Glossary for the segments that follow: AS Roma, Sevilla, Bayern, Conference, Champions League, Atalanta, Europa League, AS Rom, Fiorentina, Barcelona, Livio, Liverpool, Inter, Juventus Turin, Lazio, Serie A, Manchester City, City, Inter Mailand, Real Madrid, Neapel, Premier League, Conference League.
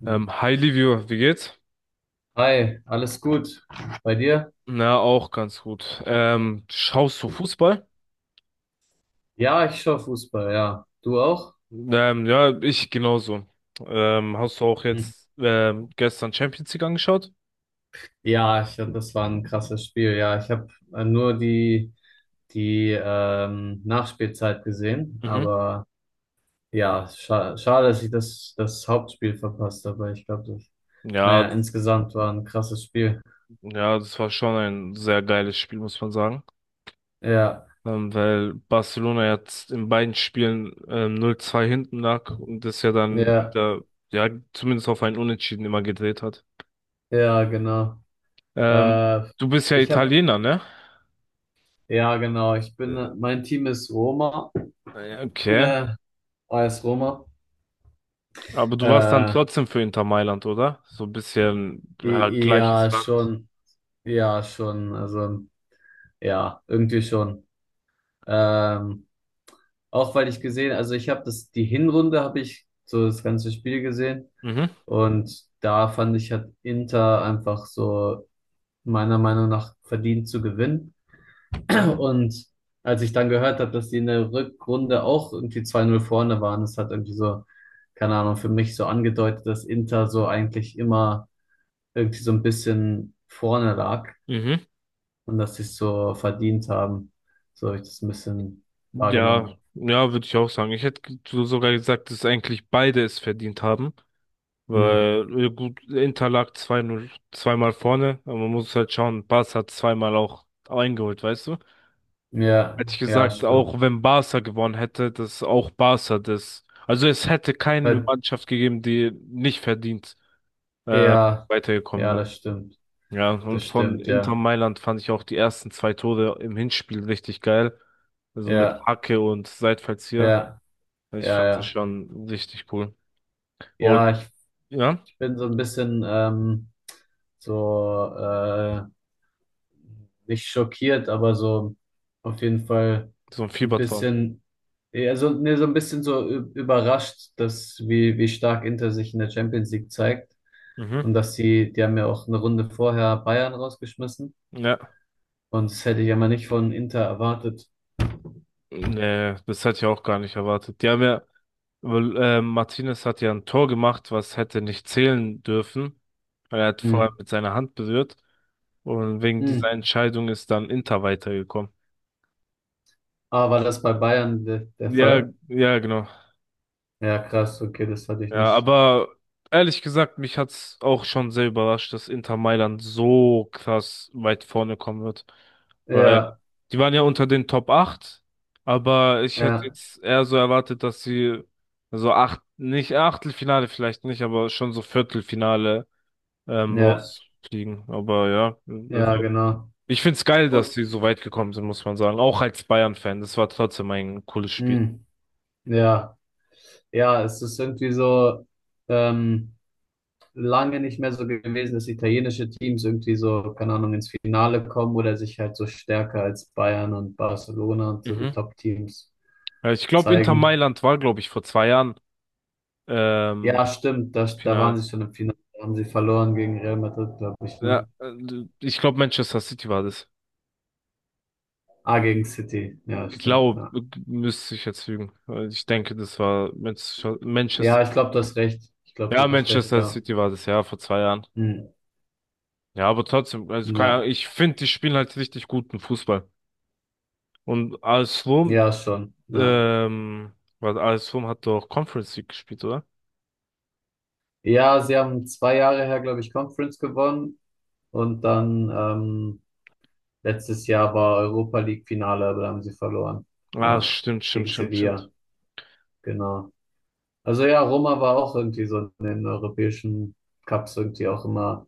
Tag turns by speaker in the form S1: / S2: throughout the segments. S1: Hm.
S2: Hi Livio, wie geht's?
S1: Hi, alles gut bei dir?
S2: Na, auch ganz gut. Schaust du Fußball?
S1: Ja, ich schaue Fußball, ja. Du auch?
S2: Ja, ich genauso. Hast du auch
S1: Hm.
S2: jetzt gestern Champions League angeschaut?
S1: Ja, das war ein krasses Spiel. Ja, ich habe nur die Nachspielzeit gesehen,
S2: Mhm.
S1: aber ja, schade, dass ich das Hauptspiel verpasst habe. Ich glaube,
S2: Ja,
S1: naja,
S2: d-
S1: insgesamt war ein krasses Spiel.
S2: ja, das war schon ein sehr geiles Spiel, muss man sagen.
S1: Ja,
S2: Weil Barcelona jetzt in beiden Spielen 0-2 hinten lag und das ja dann
S1: ja,
S2: wieder, ja, zumindest auf ein Unentschieden immer gedreht hat.
S1: ja, genau.
S2: Ähm,
S1: Äh,
S2: Du bist ja
S1: ich habe,
S2: Italiener, ne?
S1: ja, genau, mein Team ist Roma,
S2: Okay.
S1: äh, AS Roma.
S2: Aber du warst dann
S1: Äh,
S2: trotzdem für Inter Mailand, oder? So ein bisschen, ja, ja, ja,
S1: i-
S2: gleiches
S1: ja,
S2: Land.
S1: schon, ja, schon, also ja, irgendwie schon. Ähm, auch weil ich gesehen, also ich habe das, die Hinrunde habe ich so das ganze Spiel gesehen
S2: Mhm,
S1: und da fand ich, hat Inter einfach so meiner Meinung nach verdient zu gewinnen.
S2: mhm,
S1: Und als ich dann gehört habe, dass die in der Rückrunde auch irgendwie 2:0 vorne waren, das hat irgendwie so, keine Ahnung, für mich so angedeutet, dass Inter so eigentlich immer irgendwie so ein bisschen vorne lag.
S2: mhm.
S1: Und dass sie es so verdient haben. So habe ich das ein bisschen wahrgenommen.
S2: Ja, ja, würde ich auch sagen. Ich hätte sogar gesagt, dass eigentlich beide es verdient haben.
S1: Hm.
S2: Weil, gut, Inter lag zwei, 0 zweimal vorne, aber man muss halt schauen, Barca hat zweimal auch eingeholt, weißt du?
S1: Ja,
S2: Hätte ich
S1: ja,
S2: gesagt, ja,
S1: stimmt.
S2: auch wenn Barca gewonnen hätte, dass auch Barca das, also es hätte keine
S1: Weil-
S2: Mannschaft gegeben, die nicht verdient, ja,
S1: Ja,
S2: weitergekommen
S1: ja,
S2: wäre.
S1: das stimmt.
S2: Ja,
S1: Das
S2: und von
S1: stimmt,
S2: Inter
S1: ja.
S2: Mailand fand ich auch die ersten zwei Tore im Hinspiel richtig geil. Also mit
S1: Ja,
S2: Hacke und Seitfallzieher.
S1: ja,
S2: Also ich
S1: ja,
S2: fand sie
S1: ja.
S2: schon richtig cool. Und
S1: Ja, ich,
S2: ja,
S1: ich bin so ein bisschen so nicht schockiert, aber so auf jeden Fall
S2: so ein
S1: ein
S2: Fiebertraum.
S1: bisschen, ja, so, nee, so ein bisschen so überrascht, dass wie stark Inter sich in der Champions League zeigt.
S2: Mhm.
S1: Und dass die haben ja auch eine Runde vorher Bayern rausgeschmissen.
S2: Ja.
S1: Und das hätte ich ja mal nicht von Inter erwartet.
S2: Nee, das hatte ich auch gar nicht erwartet. Die haben ja, weil, Martinez hat ja ein Tor gemacht, was hätte nicht zählen dürfen. Weil er hat
S1: Hm.
S2: vorher mit seiner Hand berührt. Und wegen
S1: Hm.
S2: dieser Entscheidung ist dann Inter weitergekommen.
S1: Aber war das bei Bayern de der
S2: Ja,
S1: Fall?
S2: ja, genau.
S1: Ja, krass, okay, das hatte ich
S2: Ja,
S1: nicht.
S2: aber ehrlich gesagt, mich hat's auch schon sehr überrascht, dass Inter Mailand so krass weit vorne kommen wird. Weil
S1: Ja,
S2: die waren ja unter den Top 8. Aber ich hätte
S1: ja,
S2: jetzt eher so erwartet, dass sie so acht, nicht Achtelfinale vielleicht nicht, aber schon so Viertelfinale
S1: ja,
S2: rausfliegen. Aber ja,
S1: ja,
S2: also
S1: genau.
S2: ich find's geil, dass
S1: Und,
S2: sie so weit gekommen sind, muss man sagen. Auch als Bayern-Fan, das war trotzdem ein cooles Spiel.
S1: hm. Ja, ja, es ist irgendwie so, ähm, lange nicht mehr so gewesen, dass italienische Teams irgendwie so, keine Ahnung, ins Finale kommen oder sich halt so stärker als Bayern und Barcelona und so die
S2: Mhm.
S1: Top-Teams
S2: Ja, ich glaube, Inter
S1: zeigen.
S2: Mailand war, glaube ich, vor zwei Jahren ähm,
S1: Ja, stimmt, da waren
S2: Finale.
S1: sie schon im Finale, da haben sie verloren gegen Real Madrid, glaube ich, ne?
S2: Ja, ich glaube Manchester City war das.
S1: Ah, gegen City, ja, stimmt,
S2: Glaub,
S1: ja.
S2: müsste ich jetzt lügen. Ich denke, das war Manchester, Manchester.
S1: Ja, ich glaube, du hast recht, ich glaube,
S2: Ja,
S1: du hast recht,
S2: Manchester
S1: ja.
S2: City war das, ja, vor zwei Jahren.
S1: Hm.
S2: Ja, aber trotzdem, also keine
S1: Ja,
S2: Ahnung, ich finde, die spielen halt richtig guten Fußball. Und AS Rom,
S1: ja, schon, ja.
S2: ähm, was AS Rom hat doch Conference League gespielt, oder?
S1: Ja, sie haben 2 Jahre her, glaube ich, Conference gewonnen und dann letztes Jahr war Europa League Finale, aber da haben sie verloren,
S2: Ah,
S1: ja,
S2: stimmt, stimmt,
S1: gegen
S2: stimmt, stimmt.
S1: Sevilla, genau. Also ja, Roma war auch irgendwie so in den europäischen Cups irgendwie auch immer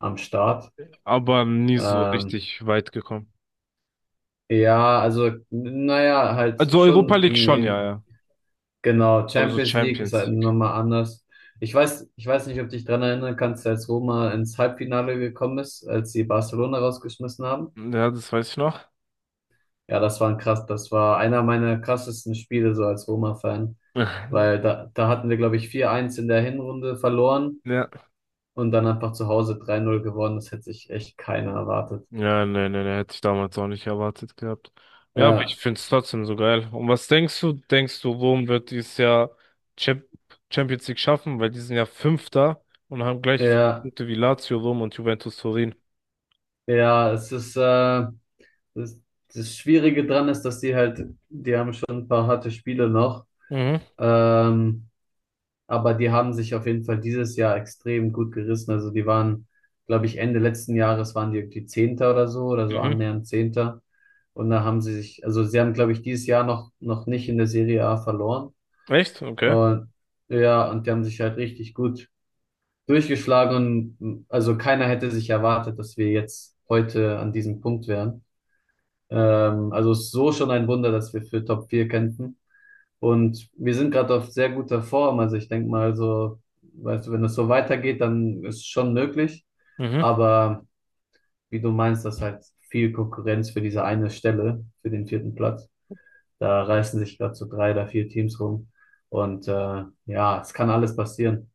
S1: am Start.
S2: Aber nie so
S1: Ähm,
S2: richtig weit gekommen.
S1: Ja, also, naja, halt
S2: Also Europa
S1: schon
S2: League
S1: in,
S2: schon, ja, ja.
S1: genau,
S2: Aber so
S1: Champions League ist halt
S2: Champions League.
S1: nochmal anders. Ich weiß nicht, ob du dich dran erinnern kannst, als Roma ins Halbfinale gekommen ist, als sie Barcelona rausgeschmissen haben.
S2: Ja, das weiß ich noch.
S1: Ja, das war einer meiner krassesten Spiele so als Roma-Fan, weil da hatten wir, glaube ich, 4:1 in der Hinrunde verloren
S2: Ja.
S1: und dann einfach zu Hause 3:0 gewonnen. Das hätte sich echt keiner erwartet.
S2: Ja, nee, nee, nee, hätte ich damals auch nicht erwartet gehabt. Ja, aber ich
S1: Ja,
S2: find's trotzdem so geil. Und was denkst du, Rom wird dieses Jahr Champ Champions League schaffen? Weil die sind ja Fünfter und haben gleich viele
S1: ja,
S2: Punkte wie Lazio, Rom und Juventus Turin.
S1: ja. Es ist, äh, Das, das Schwierige dran ist, dass die halt, die haben schon ein paar harte Spiele noch,
S2: Mhm,
S1: ähm, aber die haben sich auf jeden Fall dieses Jahr extrem gut gerissen. Also die waren, glaube ich, Ende letzten Jahres waren die irgendwie Zehnter oder so
S2: mhm.
S1: annähernd Zehnter. Und da haben sie sich, also sie haben, glaube ich, dieses Jahr noch nicht in der Serie A verloren.
S2: Echt? Okay.
S1: Und ja, und die haben sich halt richtig gut durchgeschlagen und also keiner hätte sich erwartet, dass wir jetzt heute an diesem Punkt wären. Also es ist so schon ein Wunder, dass wir für Top 4 kämpfen. Und wir sind gerade auf sehr guter Form. Also ich denke mal so, weißt du, wenn es so weitergeht, dann ist es schon möglich.
S2: Mhm.
S1: Aber wie du meinst, das ist halt viel Konkurrenz für diese eine Stelle, für den vierten Platz. Da reißen sich gerade so drei oder vier Teams rum. Und ja, es kann alles passieren.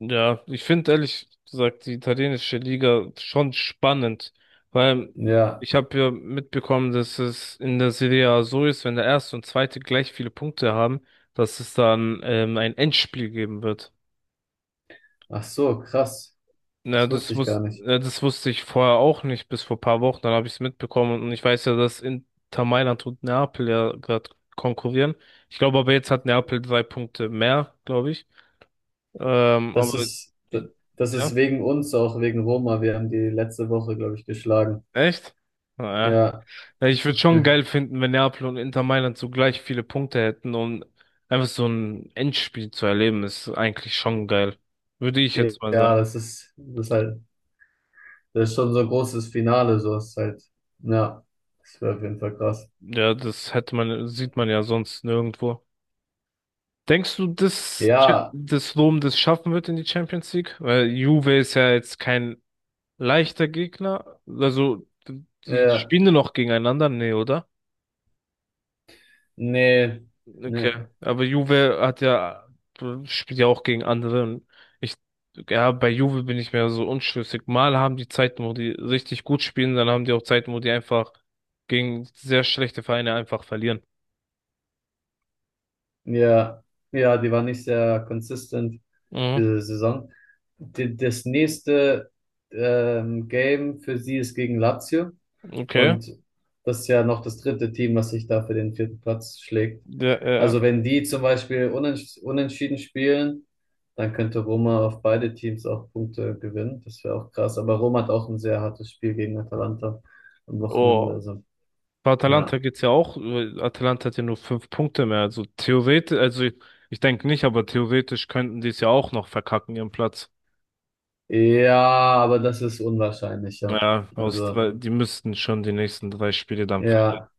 S2: Ja, ich finde ehrlich gesagt die italienische Liga schon spannend, weil
S1: Ja,
S2: ich habe ja mitbekommen, dass es in der Serie A so ist, wenn der erste und zweite gleich viele Punkte haben, dass es dann ein Endspiel geben wird.
S1: ach so, krass.
S2: Ja,
S1: Das wusste ich gar nicht.
S2: das wusste ich vorher auch nicht, bis vor paar Wochen, dann habe ich es mitbekommen und ich weiß ja, dass Inter Mailand und Neapel ja gerade konkurrieren. Ich glaube aber jetzt hat Neapel drei Punkte mehr, glaube ich.
S1: Das
S2: Aber
S1: ist, das ist
S2: ja,
S1: wegen uns, auch wegen Roma. Wir haben die letzte Woche, glaube ich, geschlagen.
S2: echt? Naja.
S1: Ja,
S2: Ja, ich würde schon geil finden, wenn Neapel und Inter Mailand so gleich viele Punkte hätten und einfach so ein Endspiel zu erleben, ist eigentlich schon geil. Würde ich jetzt mal sagen.
S1: ja, das ist halt, das ist schon so ein großes Finale, so ist halt, ja, das wäre auf jeden Fall krass.
S2: Ja, das hätte man, sieht man ja sonst nirgendwo. Denkst du, dass
S1: Ja,
S2: das Rom das schaffen wird in die Champions League? Weil Juve ist ja jetzt kein leichter Gegner. Also, die
S1: ja,
S2: spielen nur noch gegeneinander, nee, oder?
S1: nee,
S2: Okay,
S1: nee,
S2: aber Juve hat ja, spielt ja auch gegen andere und ich, ja, bei Juve bin ich mir so unschlüssig. Mal haben die Zeiten, wo die richtig gut spielen, dann haben die auch Zeiten, wo die einfach gegen sehr schlechte Vereine einfach verlieren.
S1: ja, ja, die war nicht sehr consistent,
S2: Mhm,
S1: diese Saison. Das nächste Game für sie ist gegen Lazio.
S2: okay.
S1: Und das ist ja noch das dritte Team, was sich da für den vierten Platz schlägt.
S2: Der, äh,
S1: Also wenn die zum Beispiel unentschieden spielen, dann könnte Roma auf beide Teams auch Punkte gewinnen. Das wäre auch krass. Aber Roma hat auch ein sehr hartes Spiel gegen Atalanta am Wochenende.
S2: oh.
S1: Also,
S2: Bei Atalanta
S1: ja.
S2: geht's ja auch. Atalanta hat ja nur fünf Punkte mehr. Also theoretisch, also ich denke nicht, aber theoretisch könnten die es ja auch noch verkacken, ihren Platz.
S1: Ja, aber das ist unwahrscheinlich, ja.
S2: Ja, aus,
S1: Also,
S2: weil die müssten schon die nächsten drei Spiele dann
S1: ja.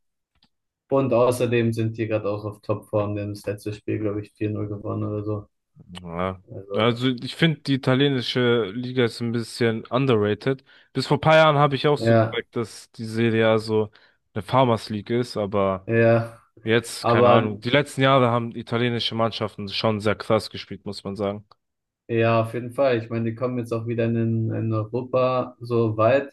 S1: Und außerdem sind die gerade auch auf Topform. Die haben das letzte Spiel, glaube ich, 4-0 gewonnen oder so.
S2: ja.
S1: Also,
S2: Also ich finde, die italienische Liga ist ein bisschen underrated. Bis vor ein paar Jahren habe ich auch so
S1: ja,
S2: gesagt, dass die Serie A so eine Farmers League ist, aber
S1: ja.
S2: jetzt, keine
S1: Aber
S2: Ahnung. Die letzten Jahre haben italienische Mannschaften schon sehr krass gespielt, muss man sagen.
S1: ja, auf jeden Fall. Ich meine, die kommen jetzt auch wieder in Europa so weit.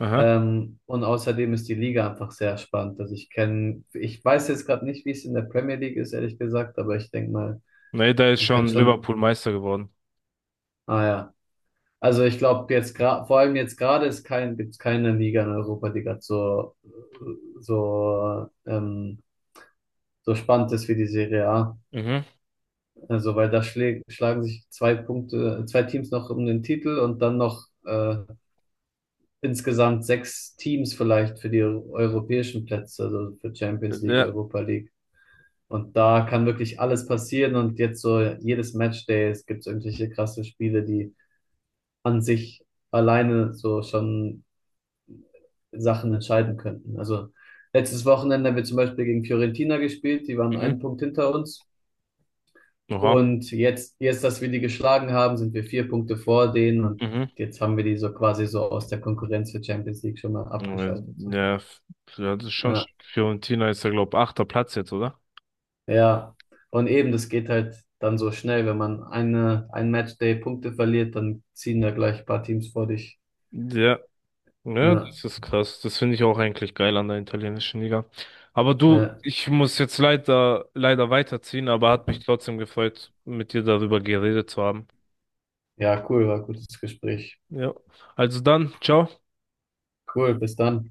S2: Aha.
S1: Und außerdem ist die Liga einfach sehr spannend. Also ich weiß jetzt gerade nicht, wie es in der Premier League ist, ehrlich gesagt, aber ich denke mal,
S2: Nee, da ist
S1: man kann
S2: schon
S1: schon,
S2: Liverpool Meister geworden.
S1: ah ja. Also ich glaube jetzt gerade, vor allem jetzt gerade ist kein, gibt's keine Liga in Europa, die gerade so, so, ähm, so spannend ist wie die Serie A.
S2: Mhm.
S1: Also weil da schlagen sich zwei Teams noch um den Titel und dann noch insgesamt sechs Teams vielleicht für die europäischen Plätze, also für Champions League,
S2: Ja.
S1: Europa League. Und da kann wirklich alles passieren. Und jetzt so jedes Matchday, es gibt irgendwelche krasse Spiele, die an sich alleine so schon Sachen entscheiden könnten. Also letztes Wochenende haben wir zum Beispiel gegen Fiorentina gespielt, die waren einen
S2: Mhm.
S1: Punkt hinter uns.
S2: Oha.
S1: Und jetzt, dass wir die geschlagen haben, sind wir vier Punkte vor denen. Und
S2: Mhm.
S1: jetzt haben wir die so quasi so aus der Konkurrenz für Champions League schon mal abgeschaltet. So.
S2: Ja, f- ja, das ist schon.
S1: Äh,
S2: Fiorentina ist ja, glaube ich, achter Platz jetzt, oder?
S1: Ja und eben, das geht halt dann so schnell, wenn man ein Matchday Punkte verliert, dann ziehen da gleich ein paar Teams vor dich.
S2: Ja. Ja,
S1: Ja,
S2: das ist krass. Das finde ich auch eigentlich geil an der italienischen Liga. Aber du,
S1: ja,
S2: ich muss jetzt leider, leider weiterziehen, aber hat mich trotzdem gefreut, mit dir darüber geredet zu haben.
S1: ja, cool, war ein gutes Gespräch.
S2: Ja, also dann, ciao.
S1: Cool, bis dann.